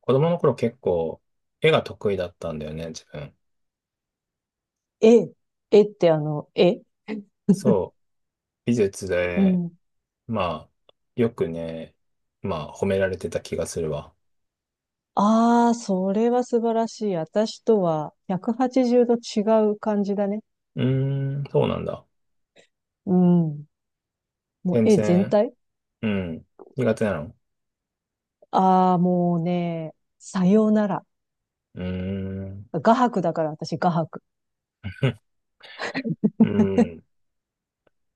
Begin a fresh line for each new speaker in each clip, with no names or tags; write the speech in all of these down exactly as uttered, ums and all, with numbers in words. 子供の頃結構絵が得意だったんだよね、自分。
え、えってあの、え、
そう、美術
う
で、
ん。
まあ、よくね、まあ、褒められてた気がするわ。
ああ、それは素晴らしい。私とはひゃくはちじゅうど違う感じだね。
うーん、そうなんだ。
うん。もう、
全
え、全
然、
体、
うん、苦手なの。
ああー、もうね、さようなら。
うーん、
画伯だから、私、画伯。
うん、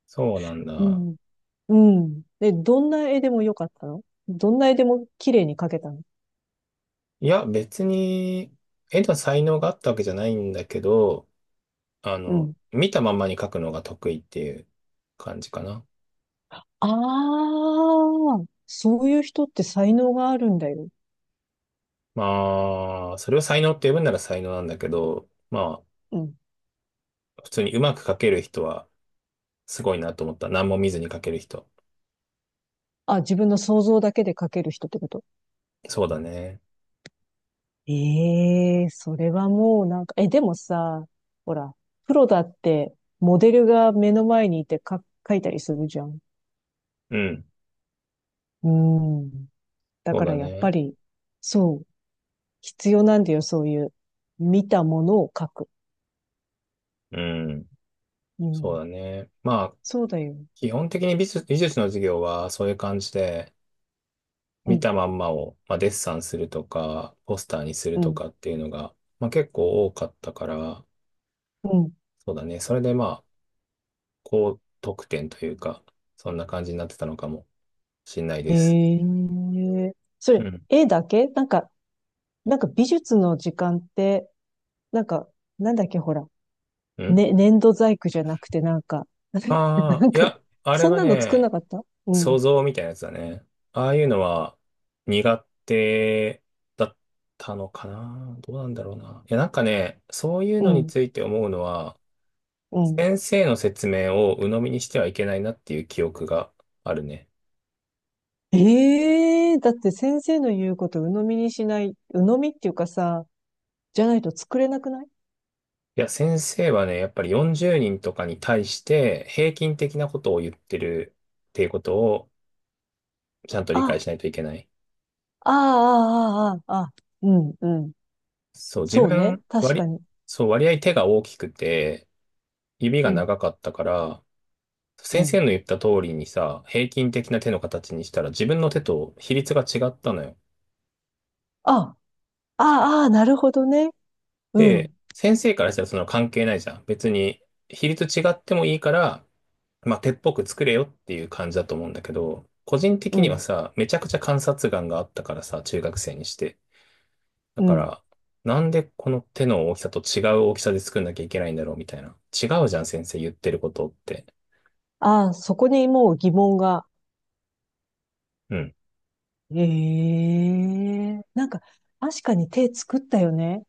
そうなん
う
だ。
ん。うん。で、どんな絵でもよかったの？どんな絵でも綺麗に描けたの？
いや、別に、絵の才能があったわけじゃないんだけど、あ
う
の、
ん。
見たままに描くのが得意っていう感じかな。
ああ、そういう人って才能があるんだよ。
まあ、それを才能って呼ぶなら才能なんだけど、まあ、
うん。
普通にうまく書ける人はすごいなと思った。何も見ずに書ける人。
あ、自分の想像だけで描ける人ってこと？
そうだね。
ええ、それはもうなんか、え、でもさ、ほら、プロだって、モデルが目の前にいてか、書いたりするじゃん。
うん。
うん。だ
そう
か
だ
らやっぱ
ね。
り、そう、必要なんだよ、そういう、見たものを書く。
うん。
う
そう
ん。
だね。まあ、
そうだよ。
基本的に美術、美術の授業はそういう感じで、
う
見
ん、
たまんまを、まあ、デッサンするとか、ポスターにする
う
と
ん、
かっていうのが、まあ、結構多かったから、
うん。
そうだね。それでまあ、高得点というか、そんな感じになってたのかもしれないで
え
す。
え、そ
う
れ、
ん。
絵だけ？なんか、なんか美術の時間って、なんか、なんだっけ、ほら、
うん。
ね、粘土細工じゃなくて、なんか、
ああ
なん
ー、い
か、
や、あれ
そん
は
なの作んな
ね、
かった？う
想
ん、
像みたいなやつだね。ああいうのは苦手だったのかな。どうなんだろうな。いや、なんかね、そういう
う
のに
ん、
ついて思うのは、
うん。
先生の説明を鵜呑みにしてはいけないなっていう記憶があるね。
ええ、だって先生の言うこと鵜呑みにしない、鵜呑みっていうかさ、じゃないと作れなくない？
いや、先生はね、やっぱりよんじゅうにんとかに対して平均的なことを言ってるっていうことをちゃんと理解
あ、
しないといけない。
ああ、ああ、ああ、ああ、うん、うん。
そう、自
そうね。
分、
確
割
か
り、
に。
そう、割合手が大きくて、指
う
が
ん、
長かったから、
う
先生
ん。
の言った通りにさ、平均的な手の形にしたら自分の手と比率が違ったのよ。
あ、ああ、ああ、なるほどね。う
で、
ん、
先生からしたらその関係ないじゃん。別に比率違ってもいいから、まあ、手っぽく作れよっていう感じだと思うんだけど、個人
う
的には
ん、
さ、めちゃくちゃ観察眼があったからさ、中学生にして。だ
う
か
ん。
ら、なんでこの手の大きさと違う大きさで作んなきゃいけないんだろうみたいな。違うじゃん、先生言ってることって。
ああ、そこにもう疑問が。
うん。
ええ、なんか、確かに手作ったよね。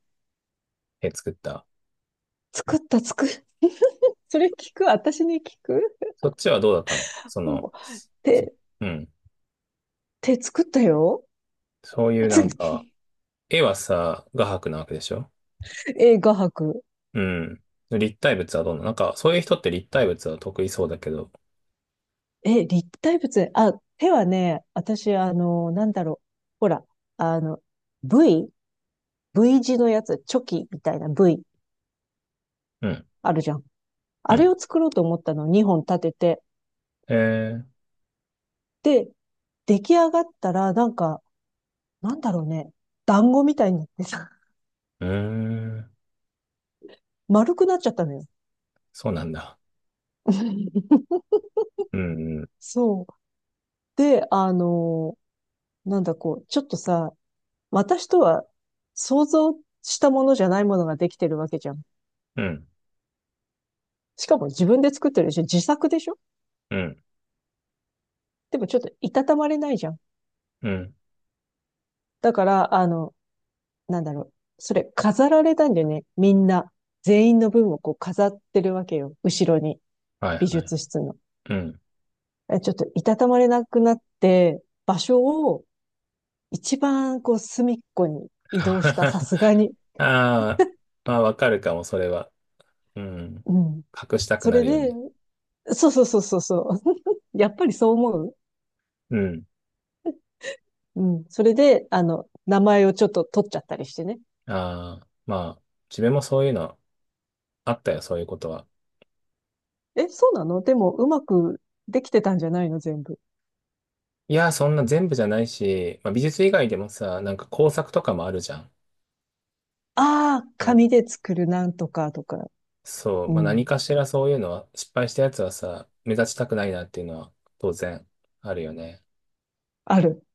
手作った。
作った、作る。それ聞く？私に聞く？
そっちはどうだったの、その、
もう
そ
手、
うん。
手作ったよ。
そういうなんか、絵はさ、画伯なわけでしょ。
え、画伯。
うん。立体物はどうなの。なんか、そういう人って立体物は得意そうだけど。
え、立体物。あ、手はね、私、あの、なんだろう。ほら、あの、V？ V 字のやつ、チョキみたいな V
うん、
あるじゃん。
う
あれ
ん。
を作ろうと思ったの、にほん立てて。
えー、
で、出来上がったら、なんか、なんだろうね、団子みたいになってさ、
うーん、
丸くなっちゃったのよ。
そうなんだ。うん、うん、
そう。で、あの、なんだこう、ちょっとさ、私とは想像したものじゃないものができてるわけじゃん。
うん、
しかも自分で作ってるでしょ？自作でしょ？
うん、
でもちょっといたたまれないじゃん。
うん。
だから、あの、なんだろう。それ飾られたんだよね。みんな。全員の分をこう飾ってるわけよ。後ろに。
はい、
美
はい。
術室の。
うん。
え、ちょっといたたまれなくなって、場所を一番こう隅っこに移動した、さ すがに。
ああ、まあ、わかるかも、それは。うん。
うん。
隠したく
そ
な
れ
るよ
で、
ね。
そうそうそうそうそう。やっぱりそう思う？
うん。
うん。それで、あの、名前をちょっと取っちゃったりしてね。
ああ、まあ、自分もそういうのあったよ、そういうことは。
え、そうなの？でも、うまくできてたんじゃないの全部？
いや、そんな全部じゃないし、まあ、美術以外でもさ、なんか工作とかもあるじゃん。
ああ、
うん。
紙で作るなんとかとか。
そう、
う
まあ、何
ん。
かしらそういうのは、失敗したやつはさ、目立ちたくないなっていうのは当然あるよね。
ある。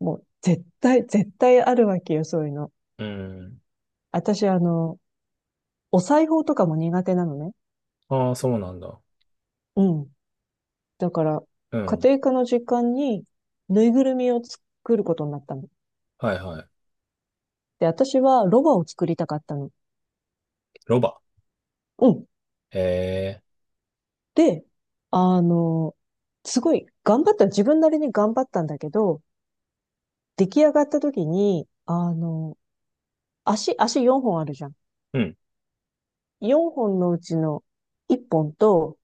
もう、絶対、絶対あるわけよ、そういうの。
うん。
私、あの、お裁縫とかも苦手なのね。
ああ、そうなんだ。
うん。だから、
う
家
ん。
庭科の時間に、ぬいぐるみを作ることになったの。
はいはい。
で、私はロバを作りたかったの。
ロバ。
うん。
へえ。
で、あの、すごい頑張った、自分なりに頑張ったんだけど、出来上がった時に、あの、足、足よんほんあるじゃん。
うん。
よんほんのうちのいっぽんと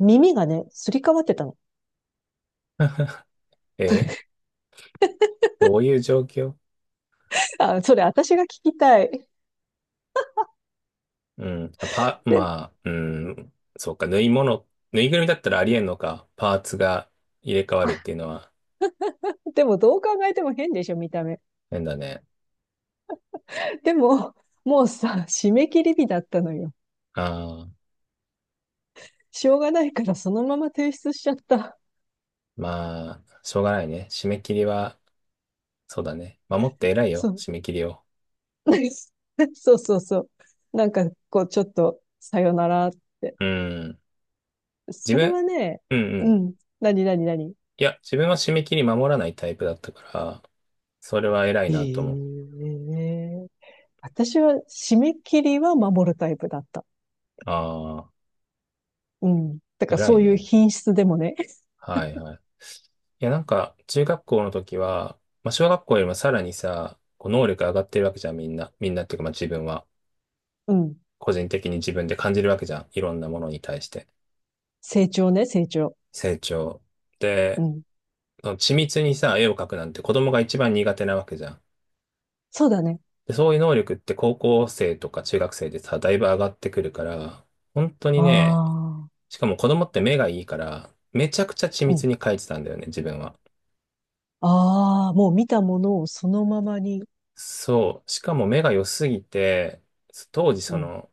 耳がね、すり替わってたの。
ええ。どういう状況？
あ、それ私が聞きたい。
うん。あパ、
で、
まあ、うん。そうか、縫い物、縫いぐるみだったらありえんのか。パーツが入れ替わるっていうのは
でもどう考えても変でしょ、見た目。
変だね。
でも、もうさ、締め切り日だったのよ。
ああ、
しょうがないからそのまま提出しちゃった。
まあ、しょうがないね。締め切りは、そうだね。守って偉い
そ
よ、
う。
締め切りを。
そうそうそう。なんか、こう、ちょっと、さよなら。って、
うん。自
それ
分、
はね、
うんう
う
ん。
ん。何何何、
いや、自分は締め切り守らないタイプだったから、それは偉い
え
なと思う。
え、私は締め切りは守るタイプだった。
ああ、
うん。だから
偉
そ
い
ういう
ね。
品質でもね。
はいはい。いや、なんか、中学校の時は、まあ、小学校よりもさらにさ、こう能力上がってるわけじゃん、みんな。みんなっていうか、まあ自分は、
うん。
個人的に自分で感じるわけじゃん。いろんなものに対して。
成長ね、成長。
成長。
う
で、
ん。
その緻密にさ、絵を描くなんて子供が一番苦手なわけじゃん。
そうだね。
で、そういう能力って高校生とか中学生でさ、だいぶ上がってくるから、本当に
あ
ね、
あ。
しかも子供って目がいいから、めちゃくちゃ緻
う
密
ん。
に描いてたんだよね、自分は。
ああ、もう見たものをそのままに。
そう。しかも目が良すぎて、当時
う
そ
ん。
の、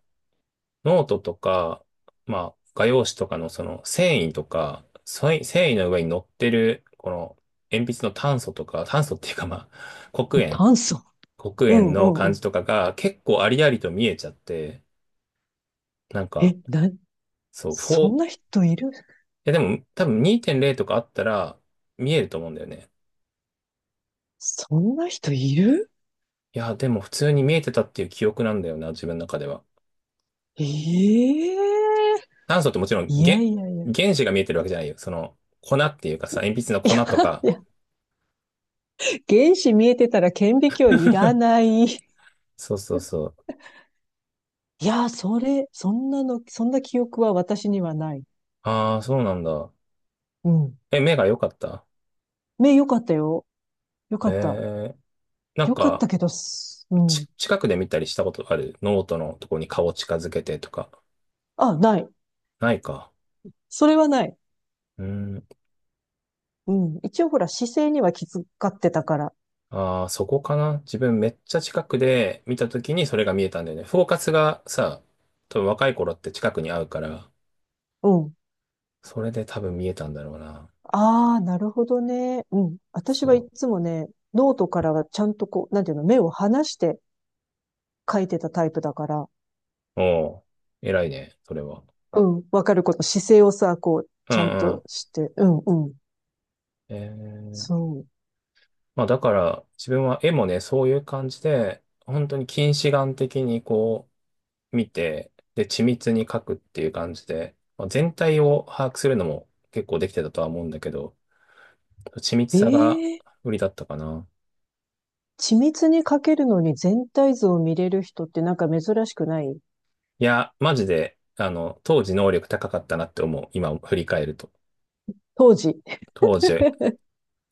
ノートとか、まあ、画用紙とかのその繊維とか、繊維繊維の上に乗ってる、この、鉛筆の炭素とか、炭素っていうかまあ、黒鉛、
炭素。
黒
う
鉛
ん、う
の
ん、う
感
ん。
じとかが結構ありありと見えちゃって、なん
え、
か、
な、
そう、よん、
そん
い
な人いる？
やでも多分にいてんゼロとかあったら見えると思うんだよね。
そんな人いる？
いや、でも普通に見えてたっていう記憶なんだよな、自分の中では。
ええ、
炭素ってもちろん、
いや
げ、
いやいや。
原子が見えてるわけじゃないよ。その、粉っていうかさ、鉛筆の
い
粉
や、
とか。
いや、原子見えてたら顕微鏡いらな い。い
そうそうそう。
や、それ、そんなの、そんな記憶は私にはない。
ああ、そうなんだ。
うん。
え、目が良かった。
目良かったよ。良か
え
った。
え、なん
良かった
か、
けどす、うん。
ち、近くで見たりしたことある？ノートのとこに顔近づけてとか。
あ、ない。
ないか。
それはない。
うん。
うん。一応ほら、姿勢には気遣ってたから。
ああ、そこかな。自分めっちゃ近くで見たときにそれが見えたんだよね。フォーカスがさ、多分若い頃って近くに合うから、
うん。
それで多分見えたんだろうな。
ああ、なるほどね。うん。私は
そ
いつもね、ノートからはちゃんとこう、なんていうの、目を離して書いてたタイプだから。
う。おう、偉いね、それは。
うん。わかること、姿勢をさ、こう、
うん
ちゃんと
う
して。うん、うん。
ん。えー、
そう。
まあだから、自分は絵もね、そういう感じで、本当に近視眼的にこう、見て、で、緻密に描くっていう感じで、まあ、全体を把握するのも結構できてたとは思うんだけど、緻密
え
さが
え、
売りだったかな。
緻密に描けるのに全体像を見れる人ってなんか珍しくない？
いや、マジで、あの、当時能力高かったなって思う。今振り返ると。
当時。
当時、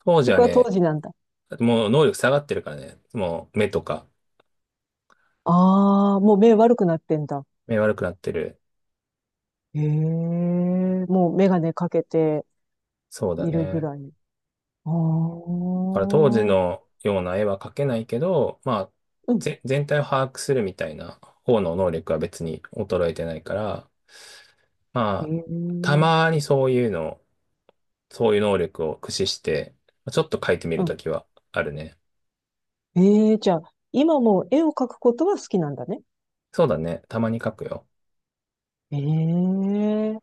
当時
そ
は
こは当
ね、
時なんだ。
もう能力下がってるからね、もう目とか、
ああ、もう目悪くなってんだ。
目悪くなってる。
へえ、もうメガネかけて
そうだ
いるぐ
ね。だ
らい。ああ、
から当時
う
のような絵は描けないけど、まあ、
ん。
ぜ、全体を把握するみたいな方の能力は別に衰えてないから、
へ
まあ、た
え、
まにそういうの、そういう能力を駆使して、ちょっと描いてみ
う
ると
ん。
きはあるね。
ええ、じゃあ、今も絵を描くことは好きなんだね。
そうだね。たまに描くよ。
ええ、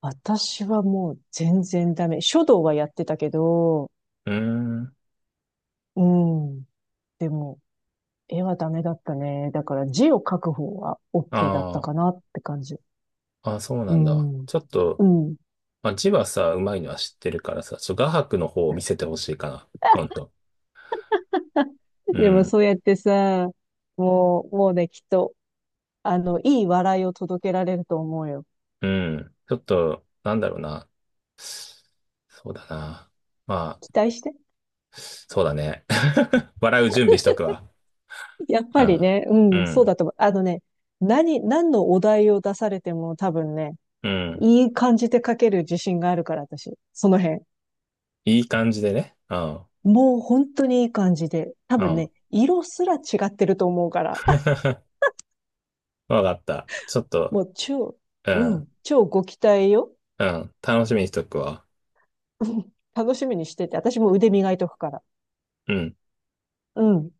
私はもう全然ダメ。書道はやってたけど、
うーん。
うん。でも、絵はダメだったね。だから字を書く方は OK だった
あ
かなって感じ。
あ、あ、そう
う
なんだ。
ん。
ちょっ
う
と、
ん。
まあ、字はさ、うまいのは知ってるからさ、ちょっと画伯の方を見せてほしいかな。今度。う
でも
ん。
そうやってさ、もう、もうね、きっと、あの、いい笑いを届けられると思うよ。
うん。ちょっと、なんだろうな。そうだな。まあ、
期待して。
そうだね。笑う準備しとくわ。
やっ
う
ぱり
ん。
ね、う
う
ん、そう
ん。
だと思う。あのね、何、何のお題を出されても多分ね、
うん。
いい感じで書ける自信があるから、私。その辺。
いい感じでね。うん。
もう本当にいい感じで。多
う
分
ん。
ね、色すら違ってると思うから。
わかった。ちょっ と、
もう超、
う
う
ん。
ん、超ご期待よ。
うん。楽しみにしとくわ。
うん、楽しみにしてて、私も腕磨いとくから。
うん。
うん。